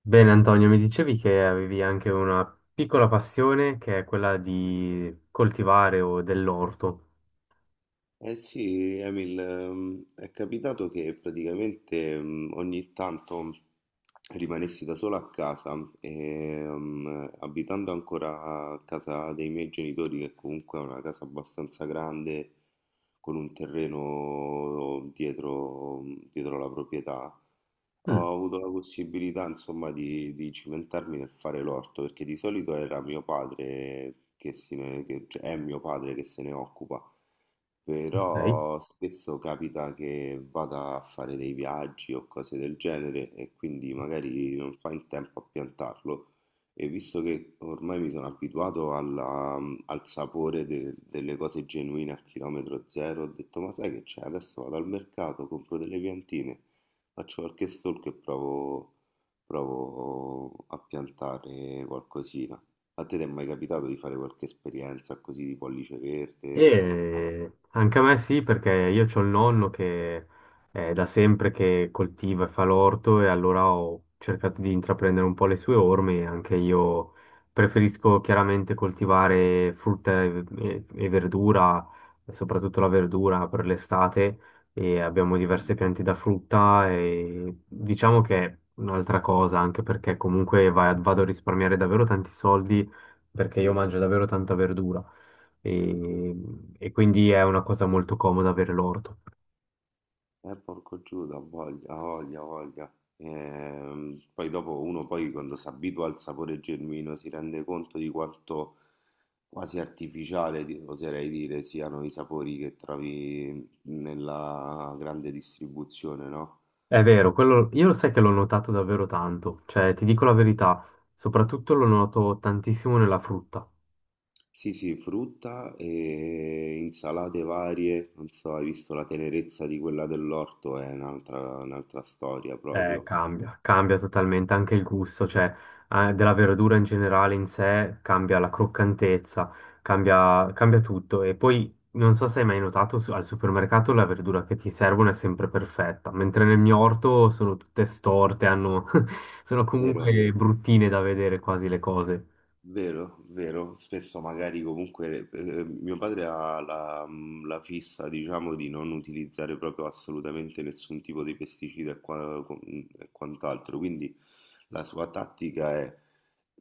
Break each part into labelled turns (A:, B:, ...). A: Bene, Antonio, mi dicevi che avevi anche una piccola passione che è quella di coltivare o dell'orto.
B: Eh sì, Emil, è capitato che praticamente ogni tanto rimanessi da solo a casa e abitando ancora a casa dei miei genitori, che comunque è una casa abbastanza grande, con un terreno dietro, dietro la proprietà,
A: Mm,
B: ho avuto la possibilità, insomma, di cimentarmi nel fare l'orto, perché di solito era mio padre che, se ne- che- cioè, è mio padre che se ne occupa.
A: ok.
B: Però spesso capita che vada a fare dei viaggi o cose del genere e quindi magari non fa in tempo a piantarlo. E visto che ormai mi sono abituato al sapore delle cose genuine a chilometro zero, ho detto: "Ma sai che c'è? Adesso vado al mercato, compro delle piantine, faccio qualche stalk e provo a piantare qualcosina." A te ti è mai capitato di fare qualche esperienza così di pollice verde?
A: E anche a me sì, perché io ho il nonno che è da sempre che coltiva e fa l'orto e allora ho cercato di intraprendere un po' le sue orme. Anche io preferisco chiaramente coltivare frutta e verdura, e soprattutto la verdura per l'estate e abbiamo diverse piante da frutta e diciamo che è un'altra cosa, anche perché comunque vado a risparmiare davvero tanti soldi perché io
B: Sì,
A: mangio davvero tanta verdura e, e quindi è una cosa molto comoda avere l'orto.
B: porco Giuda, ha voglia, ha voglia, ha voglia. Poi dopo uno poi quando si abitua al sapore genuino si rende conto di quanto quasi artificiale, oserei dire, siano i sapori che trovi nella grande distribuzione, no?
A: È vero, quello, io lo sai che l'ho notato davvero tanto, cioè ti dico la verità, soprattutto lo noto tantissimo nella frutta.
B: Sì, sì, frutta e insalate varie, non so, hai visto la tenerezza di quella dell'orto, è un'altra storia proprio,
A: Cambia totalmente anche il gusto, cioè della verdura in generale in sé, cambia la croccantezza, cambia tutto. E poi non so se hai mai notato al supermercato la verdura che ti servono è sempre perfetta, mentre nel mio orto sono tutte storte, hanno- sono
B: vero,
A: comunque
B: vero?
A: bruttine da vedere quasi le cose.
B: Vero, vero, spesso magari comunque mio padre ha la fissa, diciamo, di non utilizzare proprio assolutamente nessun tipo di pesticida e quant'altro, quindi la sua tattica è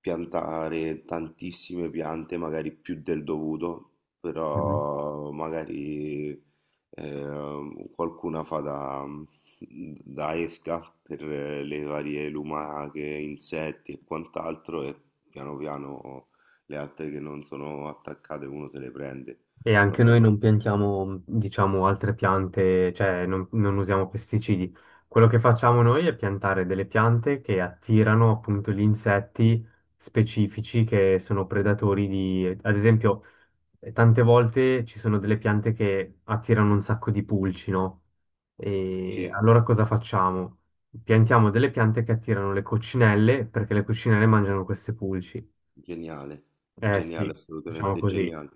B: piantare tantissime piante, magari più del dovuto, però magari qualcuna fa da esca per le varie lumache, insetti e quant'altro e piano piano le altre che non sono attaccate uno se le prende.
A: E anche
B: Roba.
A: noi non piantiamo, diciamo, altre piante, cioè non usiamo pesticidi. Quello che facciamo noi è piantare delle piante che attirano appunto gli insetti specifici che sono predatori di, ad esempio, tante volte ci sono delle piante che attirano un sacco di pulci, no? E
B: Sì,
A: allora cosa facciamo? Piantiamo delle piante che attirano le coccinelle perché le coccinelle mangiano queste pulci.
B: geniale,
A: Eh
B: geniale,
A: sì, facciamo
B: assolutamente
A: così.
B: geniale.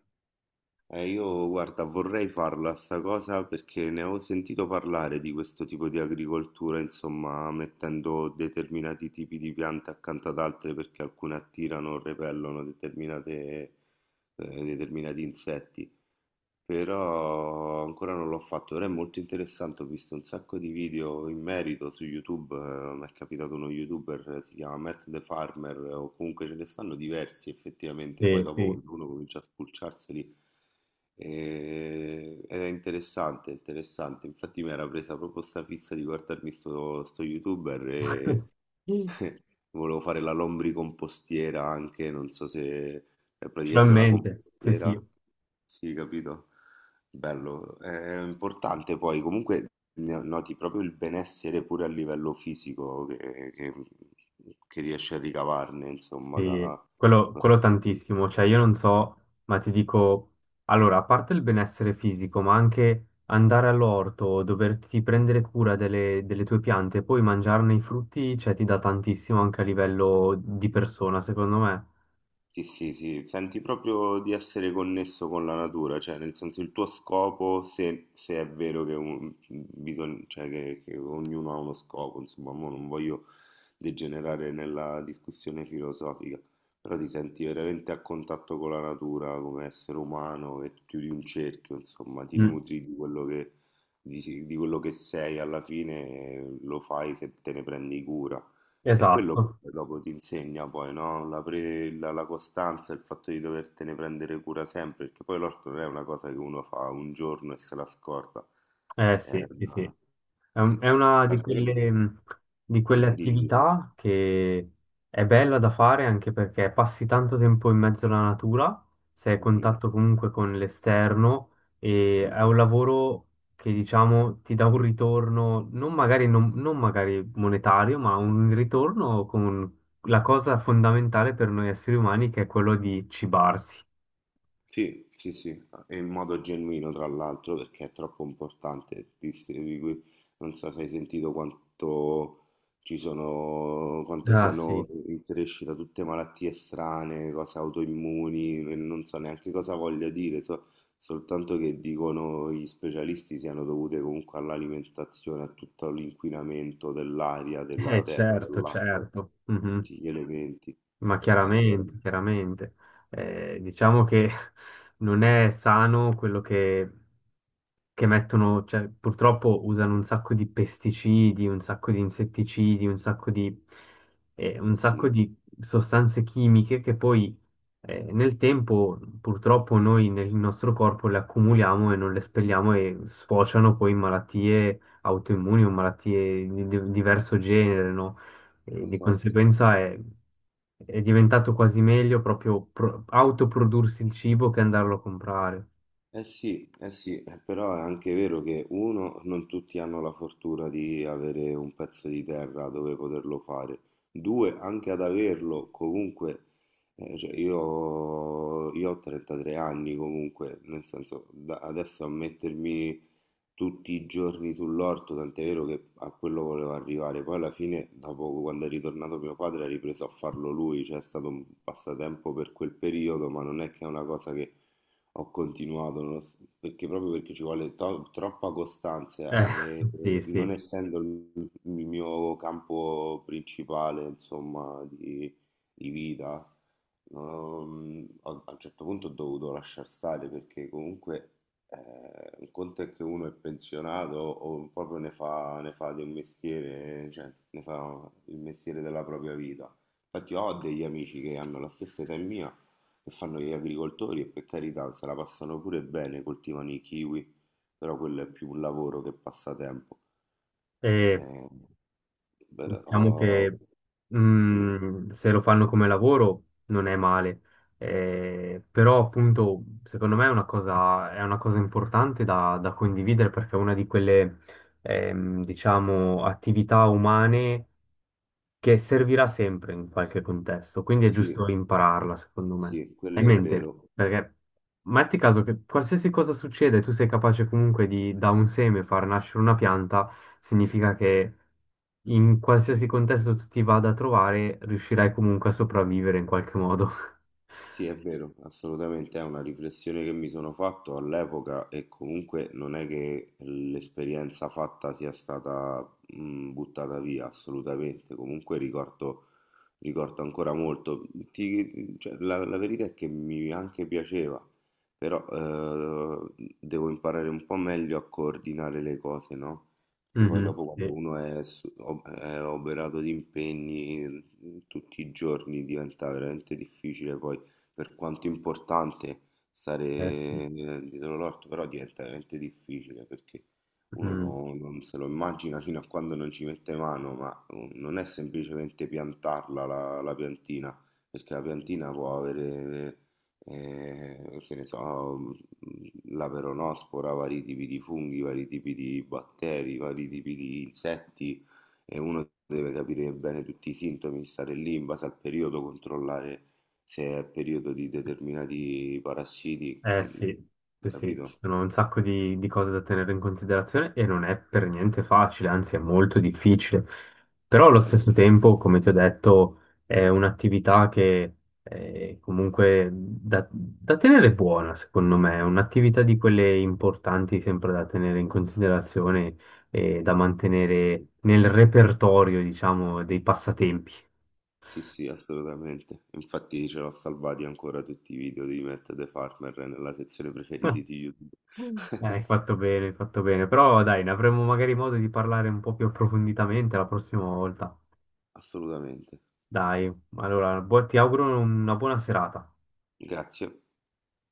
B: Io guarda, vorrei farla sta cosa perché ne ho sentito parlare di questo tipo di agricoltura, insomma, mettendo determinati tipi di piante accanto ad altre perché alcune attirano o repellono determinati insetti. Però ancora non l'ho fatto, però è molto interessante, ho visto un sacco di video in merito su YouTube, mi è capitato uno YouTuber, si chiama Matt the Farmer, o comunque ce ne stanno diversi effettivamente, poi
A: Sì,
B: dopo
A: sì.
B: quando uno comincia a spulciarseli ed è interessante, interessante, infatti mi era presa proprio sta fissa di guardarmi sto YouTuber e volevo fare la lombricompostiera anche, non so se è praticamente una
A: Finalmente, sì,
B: compostiera.
A: sì,
B: Sì, capito? Bello. È importante poi, comunque noti proprio il benessere pure a livello fisico che, riesci a ricavarne, insomma,
A: sì,
B: da
A: quello
B: questo.
A: tantissimo, cioè io non so, ma ti dico, allora, a parte il benessere fisico, ma anche andare all'orto, doverti prendere cura delle tue piante, e poi mangiarne i frutti, cioè ti dà tantissimo anche a livello di persona, secondo me.
B: Sì, sì, sì, senti proprio di essere connesso con la natura, cioè nel senso il tuo scopo, se è vero che, cioè, che ognuno ha uno scopo, insomma, mo non voglio degenerare nella discussione filosofica, però ti senti veramente a contatto con la natura come essere umano e chiudi un cerchio, insomma, ti
A: Mm,
B: nutri di quello che, di quello che sei alla fine, lo fai se te ne prendi cura. È quello che
A: esatto,
B: poi dopo ti insegna poi, no? La costanza, il fatto di dovertene prendere cura sempre, perché poi l'orto non è una cosa che uno fa un giorno e se la scorda.
A: eh
B: È
A: sì, sì,
B: una.
A: sì. È una
B: Tant'è vero che.
A: di quelle
B: Mm, dici, dici.
A: attività che è bella da fare anche perché passi tanto tempo in mezzo alla natura, sei a
B: Mhm,
A: contatto comunque con l'esterno e
B: mm.
A: è
B: Mm.
A: un lavoro che diciamo ti dà un ritorno, non magari, non magari monetario, ma un ritorno con la cosa fondamentale per noi esseri umani che è quello di cibarsi.
B: Sì, sì, sì, ah, e in modo genuino tra l'altro perché è troppo importante distribuirli. Non so se hai sentito quanto ci sono, quanto
A: Ah
B: siano
A: sì,
B: in crescita tutte malattie strane, cose autoimmuni, e non so neanche cosa voglio dire, soltanto che dicono gli specialisti siano dovute comunque all'alimentazione, a tutto l'inquinamento dell'aria, della terra,
A: certo,
B: dell'acqua,
A: certo. Mhm.
B: tutti gli elementi.
A: Ma
B: Eh,
A: chiaramente, chiaramente. Diciamo che non è sano quello che mettono, cioè purtroppo usano un sacco di pesticidi, un sacco di insetticidi, un sacco
B: sì,
A: di sostanze chimiche che poi nel tempo purtroppo noi nel nostro corpo le accumuliamo e non le espelliamo e sfociano poi in malattie autoimmuni o malattie di diverso genere, no? E di
B: esatto.
A: conseguenza è diventato quasi meglio proprio autoprodursi il cibo che andarlo a comprare.
B: Sì, eh sì, però è anche vero che uno, non tutti hanno la fortuna di avere un pezzo di terra dove poterlo fare. Due, anche ad averlo, comunque, cioè io ho 33 anni comunque, nel senso, adesso a mettermi tutti i giorni sull'orto, tant'è vero che a quello volevo arrivare. Poi alla fine, dopo quando è ritornato mio padre, ha ripreso a farlo lui, cioè è stato un passatempo per quel periodo, ma non è che è una cosa che ho continuato perché proprio perché ci vuole troppa costanza
A: Eh,
B: e
A: sì,
B: non
A: sì.
B: essendo il mio campo principale, insomma, di vita, a un certo punto ho dovuto lasciar stare perché comunque un conto è che uno è pensionato o proprio ne fa di un mestiere, cioè ne fa il mestiere della propria vita. Infatti ho degli amici che hanno la stessa età mia che fanno gli agricoltori e per carità se la passano pure bene, coltivano i kiwi, però quello è più un lavoro che passatempo.
A: E
B: Eh,
A: diciamo
B: però,
A: che
B: mm,
A: mm, se lo fanno come lavoro non è male. Però appunto, secondo me è una cosa importante da, da condividere perché è una di quelle, diciamo, attività umane che servirà sempre in qualche contesto, quindi è
B: sì,
A: giusto impararla, secondo me.
B: sì,
A: Hai
B: quello
A: in
B: è
A: mente,
B: vero,
A: perché metti caso che qualsiasi cosa succede, tu sei capace comunque di da un seme far nascere una pianta, significa che in
B: sì.
A: qualsiasi
B: Sì.
A: contesto tu ti vada a trovare, riuscirai comunque a sopravvivere in qualche modo.
B: Sì, è vero, assolutamente, è una riflessione che mi sono fatto all'epoca e comunque non è che l'esperienza fatta sia stata buttata via, assolutamente, comunque ricordo ancora molto. Cioè, la verità è che mi anche piaceva, però devo imparare un po' meglio a coordinare le cose, no? Che poi
A: Mhm,
B: dopo quando
A: sì,
B: uno è oberato di impegni tutti i giorni diventa veramente difficile poi per quanto importante stare
A: eh sì.
B: dietro l'orto, però diventa veramente difficile perché uno
A: Mm.
B: non se lo immagina fino a quando non ci mette mano, ma non è semplicemente piantarla la piantina, perché la piantina può avere, che ne so, mh, la peronospora, vari tipi di funghi, vari tipi di batteri, vari tipi di insetti e uno deve capire bene tutti i sintomi, stare lì in base al periodo, controllare se è periodo di determinati parassiti,
A: Eh
B: mm,
A: sì, sì, sì, ci
B: capito?
A: sono un sacco di cose da tenere in considerazione e non è per niente facile, anzi è molto difficile. Però allo
B: Sì,
A: stesso tempo, come ti ho detto, è un'attività che è comunque da, da tenere buona, secondo me, è un'attività di quelle importanti sempre da tenere in considerazione e da mantenere
B: sì,
A: nel repertorio, diciamo, dei passatempi.
B: sì, sì, assolutamente. Infatti ce l'ho salvati ancora tutti i video di Matt the Farmer nella sezione preferiti di YouTube.
A: Mm. Hai fatto bene, hai fatto bene. Però dai, ne avremo magari modo di parlare un po' più approfonditamente la prossima volta.
B: Assolutamente.
A: Dai, allora, ti auguro una buona serata.
B: Grazie.